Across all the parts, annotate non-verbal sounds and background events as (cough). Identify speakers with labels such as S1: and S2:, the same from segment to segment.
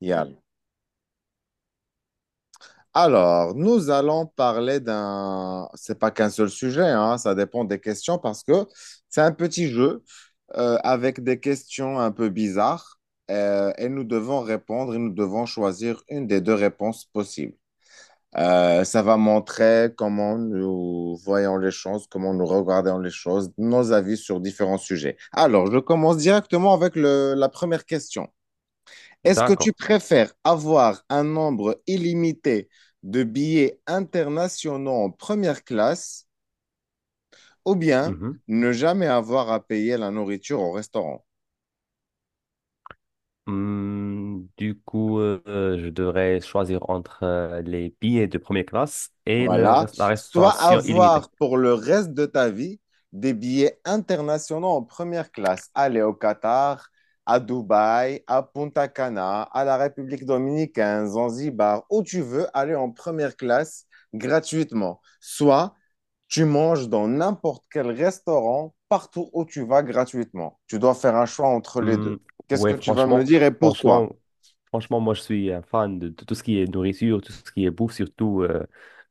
S1: Yep. Alors, nous allons parler c'est pas qu'un seul sujet, hein, ça dépend des questions parce que c'est un petit jeu avec des questions un peu bizarres et nous devons répondre et nous devons choisir une des deux réponses possibles. Ça va montrer comment nous voyons les choses, comment nous regardons les choses, nos avis sur différents sujets. Alors, je commence directement avec la première question. Est-ce que tu
S2: D'accord.
S1: préfères avoir un nombre illimité de billets internationaux en première classe ou bien
S2: Mhm.
S1: ne jamais avoir à payer la nourriture au restaurant?
S2: Du coup, je devrais choisir entre les billets de première classe et
S1: Voilà.
S2: la
S1: Soit
S2: restauration illimitée.
S1: avoir pour le reste de ta vie des billets internationaux en première classe. Aller au Qatar, à Dubaï, à Punta Cana, à la République dominicaine, Zanzibar, où tu veux aller en première classe gratuitement. Soit tu manges dans n'importe quel restaurant, partout où tu vas gratuitement. Tu dois faire un choix entre les deux.
S2: Oui,
S1: Qu'est-ce que
S2: ouais,
S1: tu vas me
S2: franchement,
S1: dire et pourquoi?
S2: franchement, Franchement, moi, je suis un fan de tout ce qui est nourriture, tout ce qui est bouffe, surtout euh,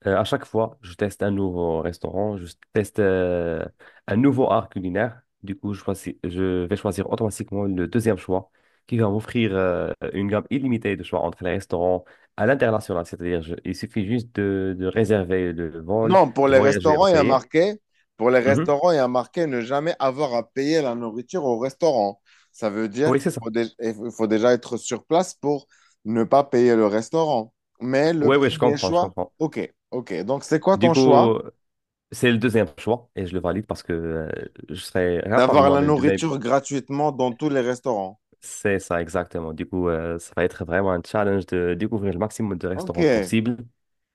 S2: euh, à chaque fois, je teste un nouveau restaurant, je teste un nouveau art culinaire. Du coup, je vais choisir automatiquement le deuxième choix qui va m'offrir une gamme illimitée de choix entre les restaurants à l'international. C'est-à-dire, il suffit juste de réserver le vol,
S1: Non, pour
S2: de
S1: les
S2: voyager en
S1: restaurants, il y a
S2: pays.
S1: marqué, pour les
S2: Mhm.
S1: restaurants, il y a marqué ne jamais avoir à payer la nourriture au restaurant. Ça veut dire
S2: Oui,
S1: qu'il
S2: c'est ça.
S1: faut, il faut déjà être sur place pour ne pas payer le restaurant. Mais le
S2: Oui, oui, je
S1: premier
S2: comprends, je
S1: choix,
S2: comprends.
S1: ok, ok. Donc, c'est quoi
S2: Du
S1: ton
S2: coup,
S1: choix?
S2: c'est le deuxième choix et je le valide parce que je serais capable
S1: D'avoir la
S2: moi-même de,
S1: nourriture gratuitement dans tous les restaurants.
S2: c'est ça, exactement. Du coup, ça va être vraiment un challenge de découvrir le maximum de
S1: Ok,
S2: restaurants possible.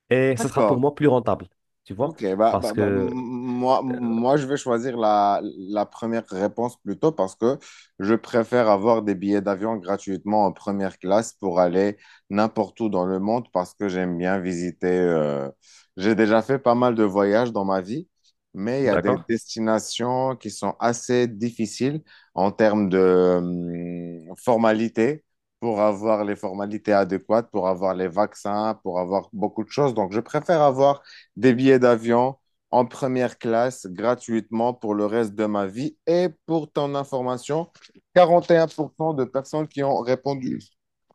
S2: Et ce sera pour
S1: d'accord.
S2: moi plus rentable, tu vois?
S1: Ok, bah,
S2: Parce
S1: bah, bah,
S2: que,
S1: moi, je vais choisir la première réponse plutôt parce que je préfère avoir des billets d'avion gratuitement en première classe pour aller n'importe où dans le monde parce que j'aime bien visiter. J'ai déjà fait pas mal de voyages dans ma vie, mais il y a des
S2: d'accord?
S1: destinations qui sont assez difficiles en termes de formalités. Pour avoir les formalités adéquates, pour avoir les vaccins, pour avoir beaucoup de choses. Donc, je préfère avoir des billets d'avion en première classe gratuitement pour le reste de ma vie. Et pour ton information, 41% de personnes qui ont répondu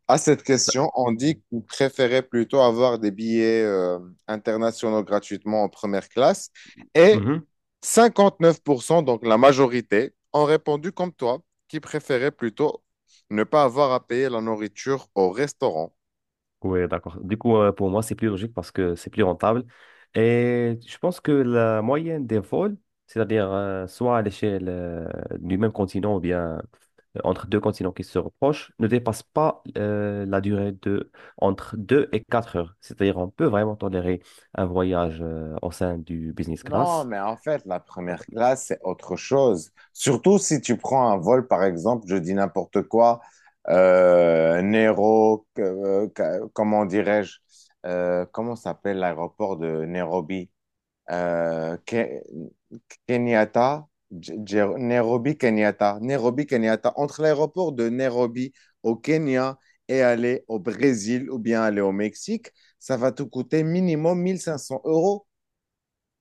S1: à cette question ont dit qu'ils préféraient plutôt avoir des billets internationaux gratuitement en première classe. Et
S2: Mhm.
S1: 59%, donc la majorité, ont répondu comme toi, qui préféraient plutôt ne pas avoir à payer la nourriture au restaurant.
S2: Oui, d'accord. Du coup, pour moi, c'est plus logique parce que c'est plus rentable. Et je pense que la moyenne des vols, c'est-à-dire soit à l'échelle du même continent ou bien entre deux continents qui se reprochent ne dépasse pas la durée de entre deux et quatre heures. C'est-à-dire on peut vraiment tolérer un voyage au sein du business
S1: Non,
S2: class.
S1: mais en fait, la première classe, c'est autre chose. Surtout si tu prends un vol, par exemple, je dis n'importe quoi, Nero, comment dirais-je, comment s'appelle l'aéroport de Nairobi? Euh, Ke- Kenyatta, Nairobi, Kenyatta, Nairobi, Kenyatta. Entre l'aéroport de Nairobi au Kenya et aller au Brésil ou bien aller au Mexique, ça va te coûter minimum 1 500 euros.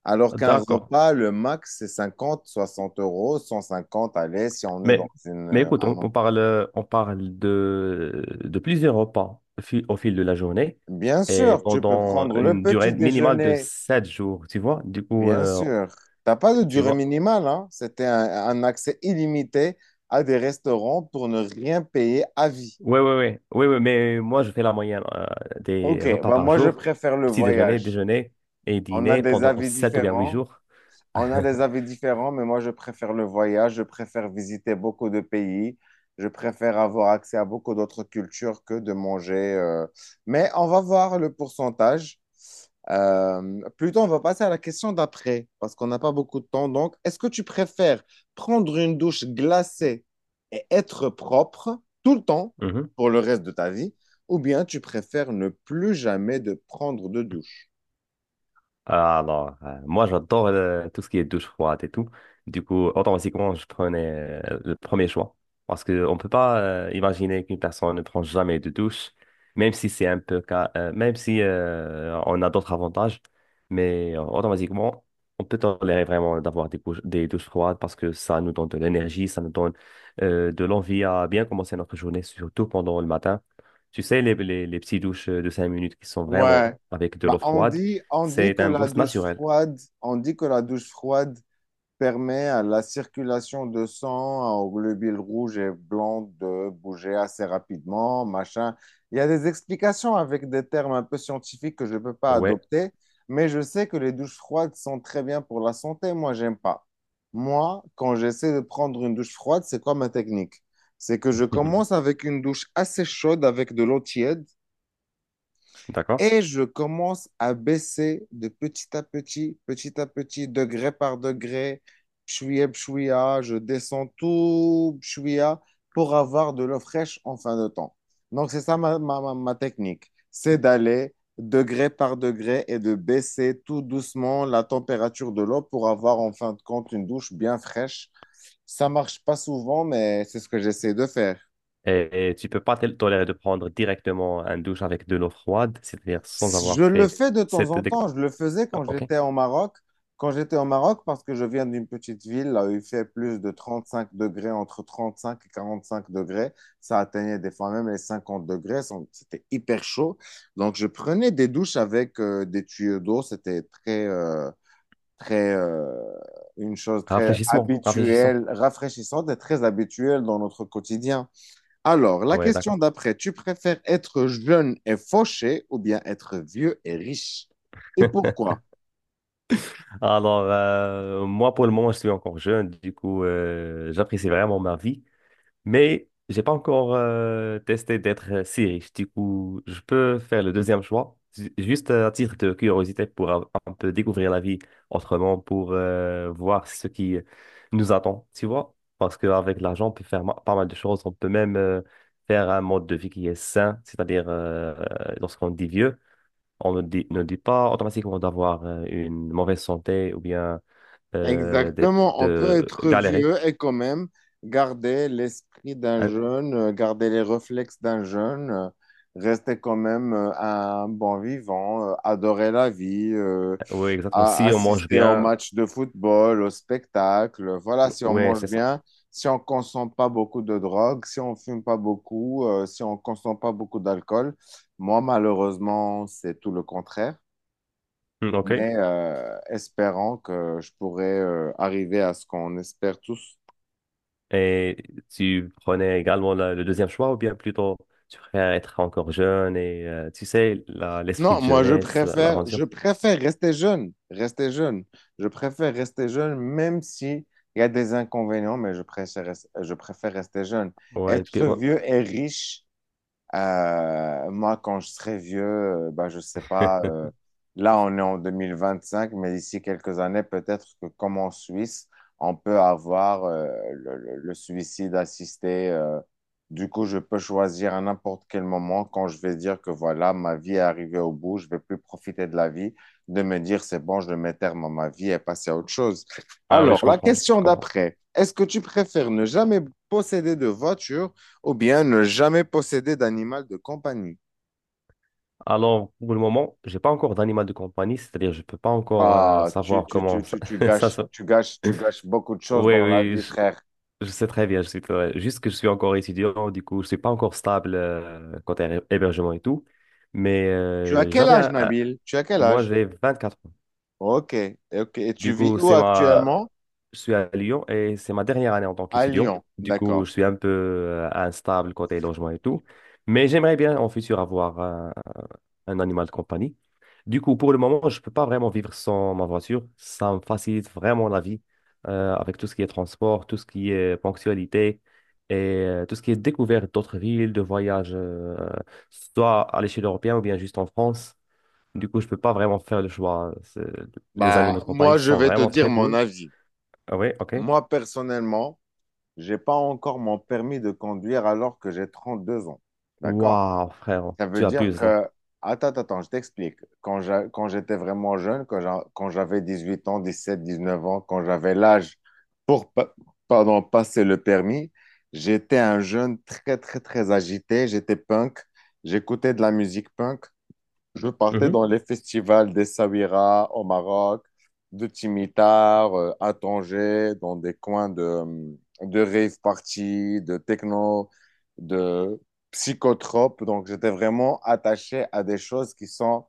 S1: Alors qu'un
S2: D'accord.
S1: repas, le max, c'est 50 60 euros, 150 allez, si on est dans
S2: Mais, mais écoute, on parle, on parle de plusieurs repas au fil de la journée
S1: bien
S2: et
S1: sûr, tu peux
S2: pendant
S1: prendre le
S2: une
S1: petit
S2: durée minimale de
S1: déjeuner,
S2: 7 jours, tu vois. Du coup,
S1: bien sûr. T'as pas de
S2: tu
S1: durée
S2: vois.
S1: minimale, hein. C'était un accès illimité à des restaurants pour ne rien payer à vie.
S2: Oui, oui, oui. Oui, oui, mais moi, je fais la moyenne
S1: Ok,
S2: des repas
S1: bah
S2: par
S1: moi je
S2: jour.
S1: préfère le
S2: Petit déjeuner,
S1: voyage.
S2: déjeuner et
S1: On a
S2: dîner
S1: des
S2: pendant
S1: avis
S2: 7 ou bien 8
S1: différents.
S2: jours.
S1: On a des
S2: (laughs)
S1: avis différents, mais moi, je préfère le voyage, je préfère visiter beaucoup de pays, je préfère avoir accès à beaucoup d'autres cultures que de manger. Mais on va voir le pourcentage. Plutôt, on va passer à la question d'après, parce qu'on n'a pas beaucoup de temps. Donc, est-ce que tu préfères prendre une douche glacée et être propre tout le temps pour le reste de ta vie, ou bien tu préfères ne plus jamais de prendre de douche?
S2: Ah, alors, moi j'adore tout ce qui est douche froide et tout. Du coup, automatiquement, je prenais le premier choix. Parce qu'on ne peut pas imaginer qu'une personne ne prend jamais de douche, même si c'est un peu, même si on a d'autres avantages. Mais automatiquement, on peut tolérer vraiment d'avoir des douches froides parce que ça nous donne de l'énergie, ça nous donne de l'envie à bien commencer notre journée, surtout pendant le matin. Tu sais, les petites douches de 5 minutes qui sont
S1: Ouais.
S2: vraiment avec de
S1: Bah,
S2: l'eau froide.
S1: on dit
S2: C'est
S1: que
S2: un
S1: la
S2: boost
S1: douche
S2: naturel.
S1: froide, on dit que la douche froide permet à la circulation de sang, hein, aux globules rouges et blancs de bouger assez rapidement, machin. Il y a des explications avec des termes un peu scientifiques que je ne peux pas
S2: Ouais.
S1: adopter, mais je sais que les douches froides sont très bien pour la santé. Moi, j'aime pas. Moi, quand j'essaie de prendre une douche froide, c'est quoi ma technique? C'est que je
S2: (laughs)
S1: commence avec une douche assez chaude avec de l'eau tiède.
S2: D'accord.
S1: Et je commence à baisser de petit à petit, degré par degré, pshouya, pshouya, je descends tout pshouya pour avoir de l'eau fraîche en fin de temps. Donc, c'est ça ma technique. C'est d'aller degré par degré et de baisser tout doucement la température de l'eau pour avoir en fin de compte une douche bien fraîche. Ça marche pas souvent, mais c'est ce que j'essaie de faire.
S2: Et, tu peux pas tolérer de prendre directement un douche avec de l'eau froide, c'est-à-dire sans
S1: Je
S2: avoir
S1: le
S2: fait
S1: fais de temps
S2: cette...
S1: en
S2: dé-
S1: temps. Je le faisais
S2: Ah,
S1: quand
S2: OK.
S1: j'étais au Maroc. Quand j'étais au Maroc, parce que je viens d'une petite ville, là où il fait plus de 35 degrés, entre 35 et 45 degrés. Ça atteignait des fois même les 50 degrés. C'était hyper chaud. Donc, je prenais des douches avec des tuyaux d'eau. C'était très, une chose très
S2: Rafraîchissement. Rafraîchissant.
S1: habituelle, rafraîchissante et très habituelle dans notre quotidien. Alors, la
S2: Ouais,
S1: question
S2: d'accord.
S1: d'après, tu préfères être jeune et fauché ou bien être vieux et riche? Et
S2: (laughs)
S1: pourquoi?
S2: Alors, moi, pour le moment, je suis encore jeune. Du coup, j'apprécie vraiment ma vie. Mais j'ai pas encore testé d'être si riche. Du coup, je peux faire le deuxième choix, juste à titre de curiosité pour un peu découvrir la vie autrement, pour voir ce qui nous attend, tu vois. Parce qu'avec l'argent, on peut faire pas mal de choses. On peut même faire un mode de vie qui est sain, c'est-à-dire lorsqu'on dit vieux, on ne dit pas automatiquement d'avoir une mauvaise santé ou bien
S1: Exactement, on peut
S2: de
S1: être
S2: galérer.
S1: vieux et quand même garder l'esprit d'un
S2: Hein,
S1: jeune, garder les réflexes d'un jeune, rester quand même un bon vivant, adorer la vie,
S2: oui, exactement.
S1: à
S2: Si on mange
S1: assister au
S2: bien,
S1: match de football, au spectacle. Voilà, si on
S2: ouais,
S1: mange
S2: c'est ça.
S1: bien, si on consomme pas beaucoup de drogue, si on fume pas beaucoup, si on consomme pas beaucoup d'alcool. Moi, malheureusement, c'est tout le contraire.
S2: Hmm, OK.
S1: Mais espérons que je pourrai arriver à ce qu'on espère tous.
S2: Et tu prenais également le deuxième choix ou bien plutôt tu préfères être encore jeune et tu sais, l'esprit
S1: Non,
S2: de
S1: moi,
S2: jeunesse, l'aventure.
S1: je préfère rester jeune, rester jeune. Je préfère rester jeune, même si il y a des inconvénients, mais je préfère, je préfère rester jeune. Être
S2: Ouais.
S1: vieux et riche, moi, quand je serai vieux, bah, je sais pas,
S2: (laughs)
S1: là, on est en 2025, mais d'ici quelques années, peut-être que comme en Suisse, on peut avoir le suicide assisté. Du coup, je peux choisir à n'importe quel moment quand je vais dire que voilà, ma vie est arrivée au bout, je vais plus profiter de la vie, de me dire c'est bon, je mets terme à ma vie et passer à autre chose.
S2: Ah oui, je
S1: Alors, la
S2: comprends, je
S1: question
S2: comprends.
S1: d'après, est-ce que tu préfères ne jamais posséder de voiture ou bien ne jamais posséder d'animal de compagnie.
S2: Alors, pour le moment, j'ai pas encore d'animal de compagnie, c'est-à-dire je peux pas encore
S1: Ah,
S2: savoir comment ça,
S1: tu
S2: (laughs) ça
S1: gâches,
S2: se...
S1: tu gâches beaucoup de choses
S2: Oui,
S1: dans la
S2: oui,
S1: vie, frère.
S2: je sais très bien, je suis bien. Juste que je suis encore étudiant, du coup, je suis pas encore stable côté hébergement et tout, mais
S1: Tu as quel âge, Nabil? Tu as quel
S2: moi
S1: âge?
S2: j'ai 24.
S1: Ok, ok. Et tu
S2: Du
S1: vis
S2: coup,
S1: où
S2: c'est ma...
S1: actuellement?
S2: je suis à Lyon et c'est ma dernière année en tant
S1: À
S2: qu'étudiant.
S1: Lyon.
S2: Du coup,
S1: D'accord.
S2: je suis un peu instable côté logement et tout. Mais j'aimerais bien en futur avoir un animal de compagnie. Du coup, pour le moment, je ne peux pas vraiment vivre sans ma voiture. Ça me facilite vraiment la vie avec tout ce qui est transport, tout ce qui est ponctualité et tout ce qui est découverte d'autres villes, de voyages, soit à l'échelle européenne ou bien juste en France. Du coup, je peux pas vraiment faire le choix. C'est- Les animaux
S1: Bah,
S2: de compagnie
S1: moi, je
S2: sont
S1: vais te
S2: vraiment
S1: dire
S2: très
S1: mon
S2: cool.
S1: avis.
S2: Ah oui, ok.
S1: Moi, personnellement, j'ai pas encore mon permis de conduire alors que j'ai 32 ans. D'accord?
S2: Waouh, frère,
S1: Ça
S2: tu
S1: veut dire
S2: abuses là.
S1: que, attends, je t'explique. Quand quand j'étais vraiment jeune, quand quand j'avais 18 ans, 17, 19 ans, quand j'avais l'âge pour, pardon, passer le permis, j'étais un jeune très agité. J'étais punk. J'écoutais de la musique punk. Je partais
S2: Mhm.
S1: dans les festivals des Sabira au Maroc, de Timitar à Tanger, dans des coins de rave party, de techno, de psychotrope. Donc, j'étais vraiment attaché à des choses qui sont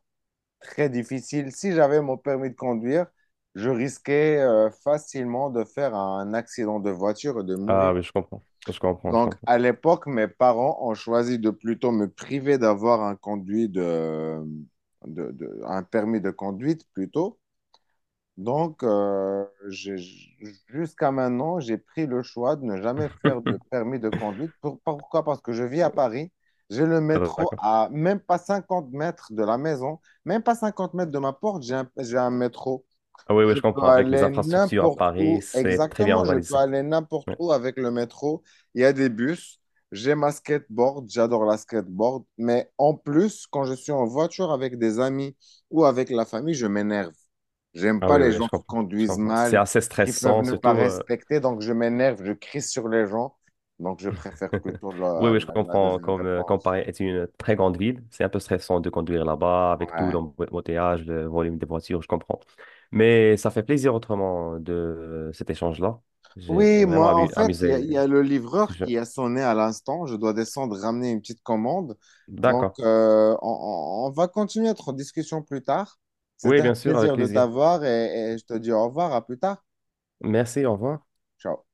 S1: très difficiles. Si j'avais mon permis de conduire, je risquais facilement de faire un accident de voiture et de
S2: Ah
S1: mourir.
S2: oui, je comprends. Je comprends, je
S1: Donc,
S2: comprends.
S1: à l'époque, mes parents ont choisi de plutôt me priver d'avoir un conduit de- un permis de conduite plutôt. Donc, jusqu'à maintenant, j'ai pris le choix de ne jamais faire de
S2: (laughs)
S1: permis de conduite. Pourquoi? Parce que je vis à Paris. J'ai le
S2: Ah,
S1: métro
S2: d'accord.
S1: à même pas 50 mètres de la maison, même pas 50 mètres de ma porte, j'ai un métro.
S2: Ah oui, oui,
S1: Je
S2: je
S1: peux
S2: comprends. Avec les
S1: aller
S2: infrastructures à
S1: n'importe
S2: Paris,
S1: où,
S2: c'est très bien
S1: exactement. Je peux
S2: organisé.
S1: aller n'importe
S2: Ouais.
S1: où avec le métro. Il y a des bus. J'ai ma skateboard. J'adore la skateboard. Mais en plus, quand je suis en voiture avec des amis ou avec la famille, je m'énerve. J'aime
S2: Ah
S1: pas
S2: oui,
S1: les
S2: oui,
S1: gens
S2: je
S1: qui
S2: comprends. Je
S1: conduisent
S2: comprends. C'est
S1: mal,
S2: assez
S1: qui peuvent
S2: stressant,
S1: ne pas
S2: surtout
S1: respecter. Donc, je m'énerve. Je crie sur les gens. Donc, je préfère plutôt
S2: oui, oui, je
S1: la
S2: comprends.
S1: deuxième
S2: Comme, comme
S1: réponse.
S2: Paris est une très grande ville, c'est un peu stressant de conduire là-bas avec tout
S1: Ouais.
S2: l'embouteillage, le volume des voitures, je comprends. Mais ça fait plaisir autrement de cet échange-là. J'ai
S1: Oui,
S2: vraiment
S1: moi, en fait,
S2: amusé.
S1: il y a le livreur
S2: Je-
S1: qui a sonné à l'instant. Je dois descendre ramener une petite commande. Donc,
S2: D'accord.
S1: on va continuer notre discussion plus tard.
S2: Oui,
S1: C'était un
S2: bien sûr, avec
S1: plaisir de
S2: plaisir.
S1: t'avoir et je te dis au revoir, à plus tard.
S2: Merci, au revoir.
S1: Ciao.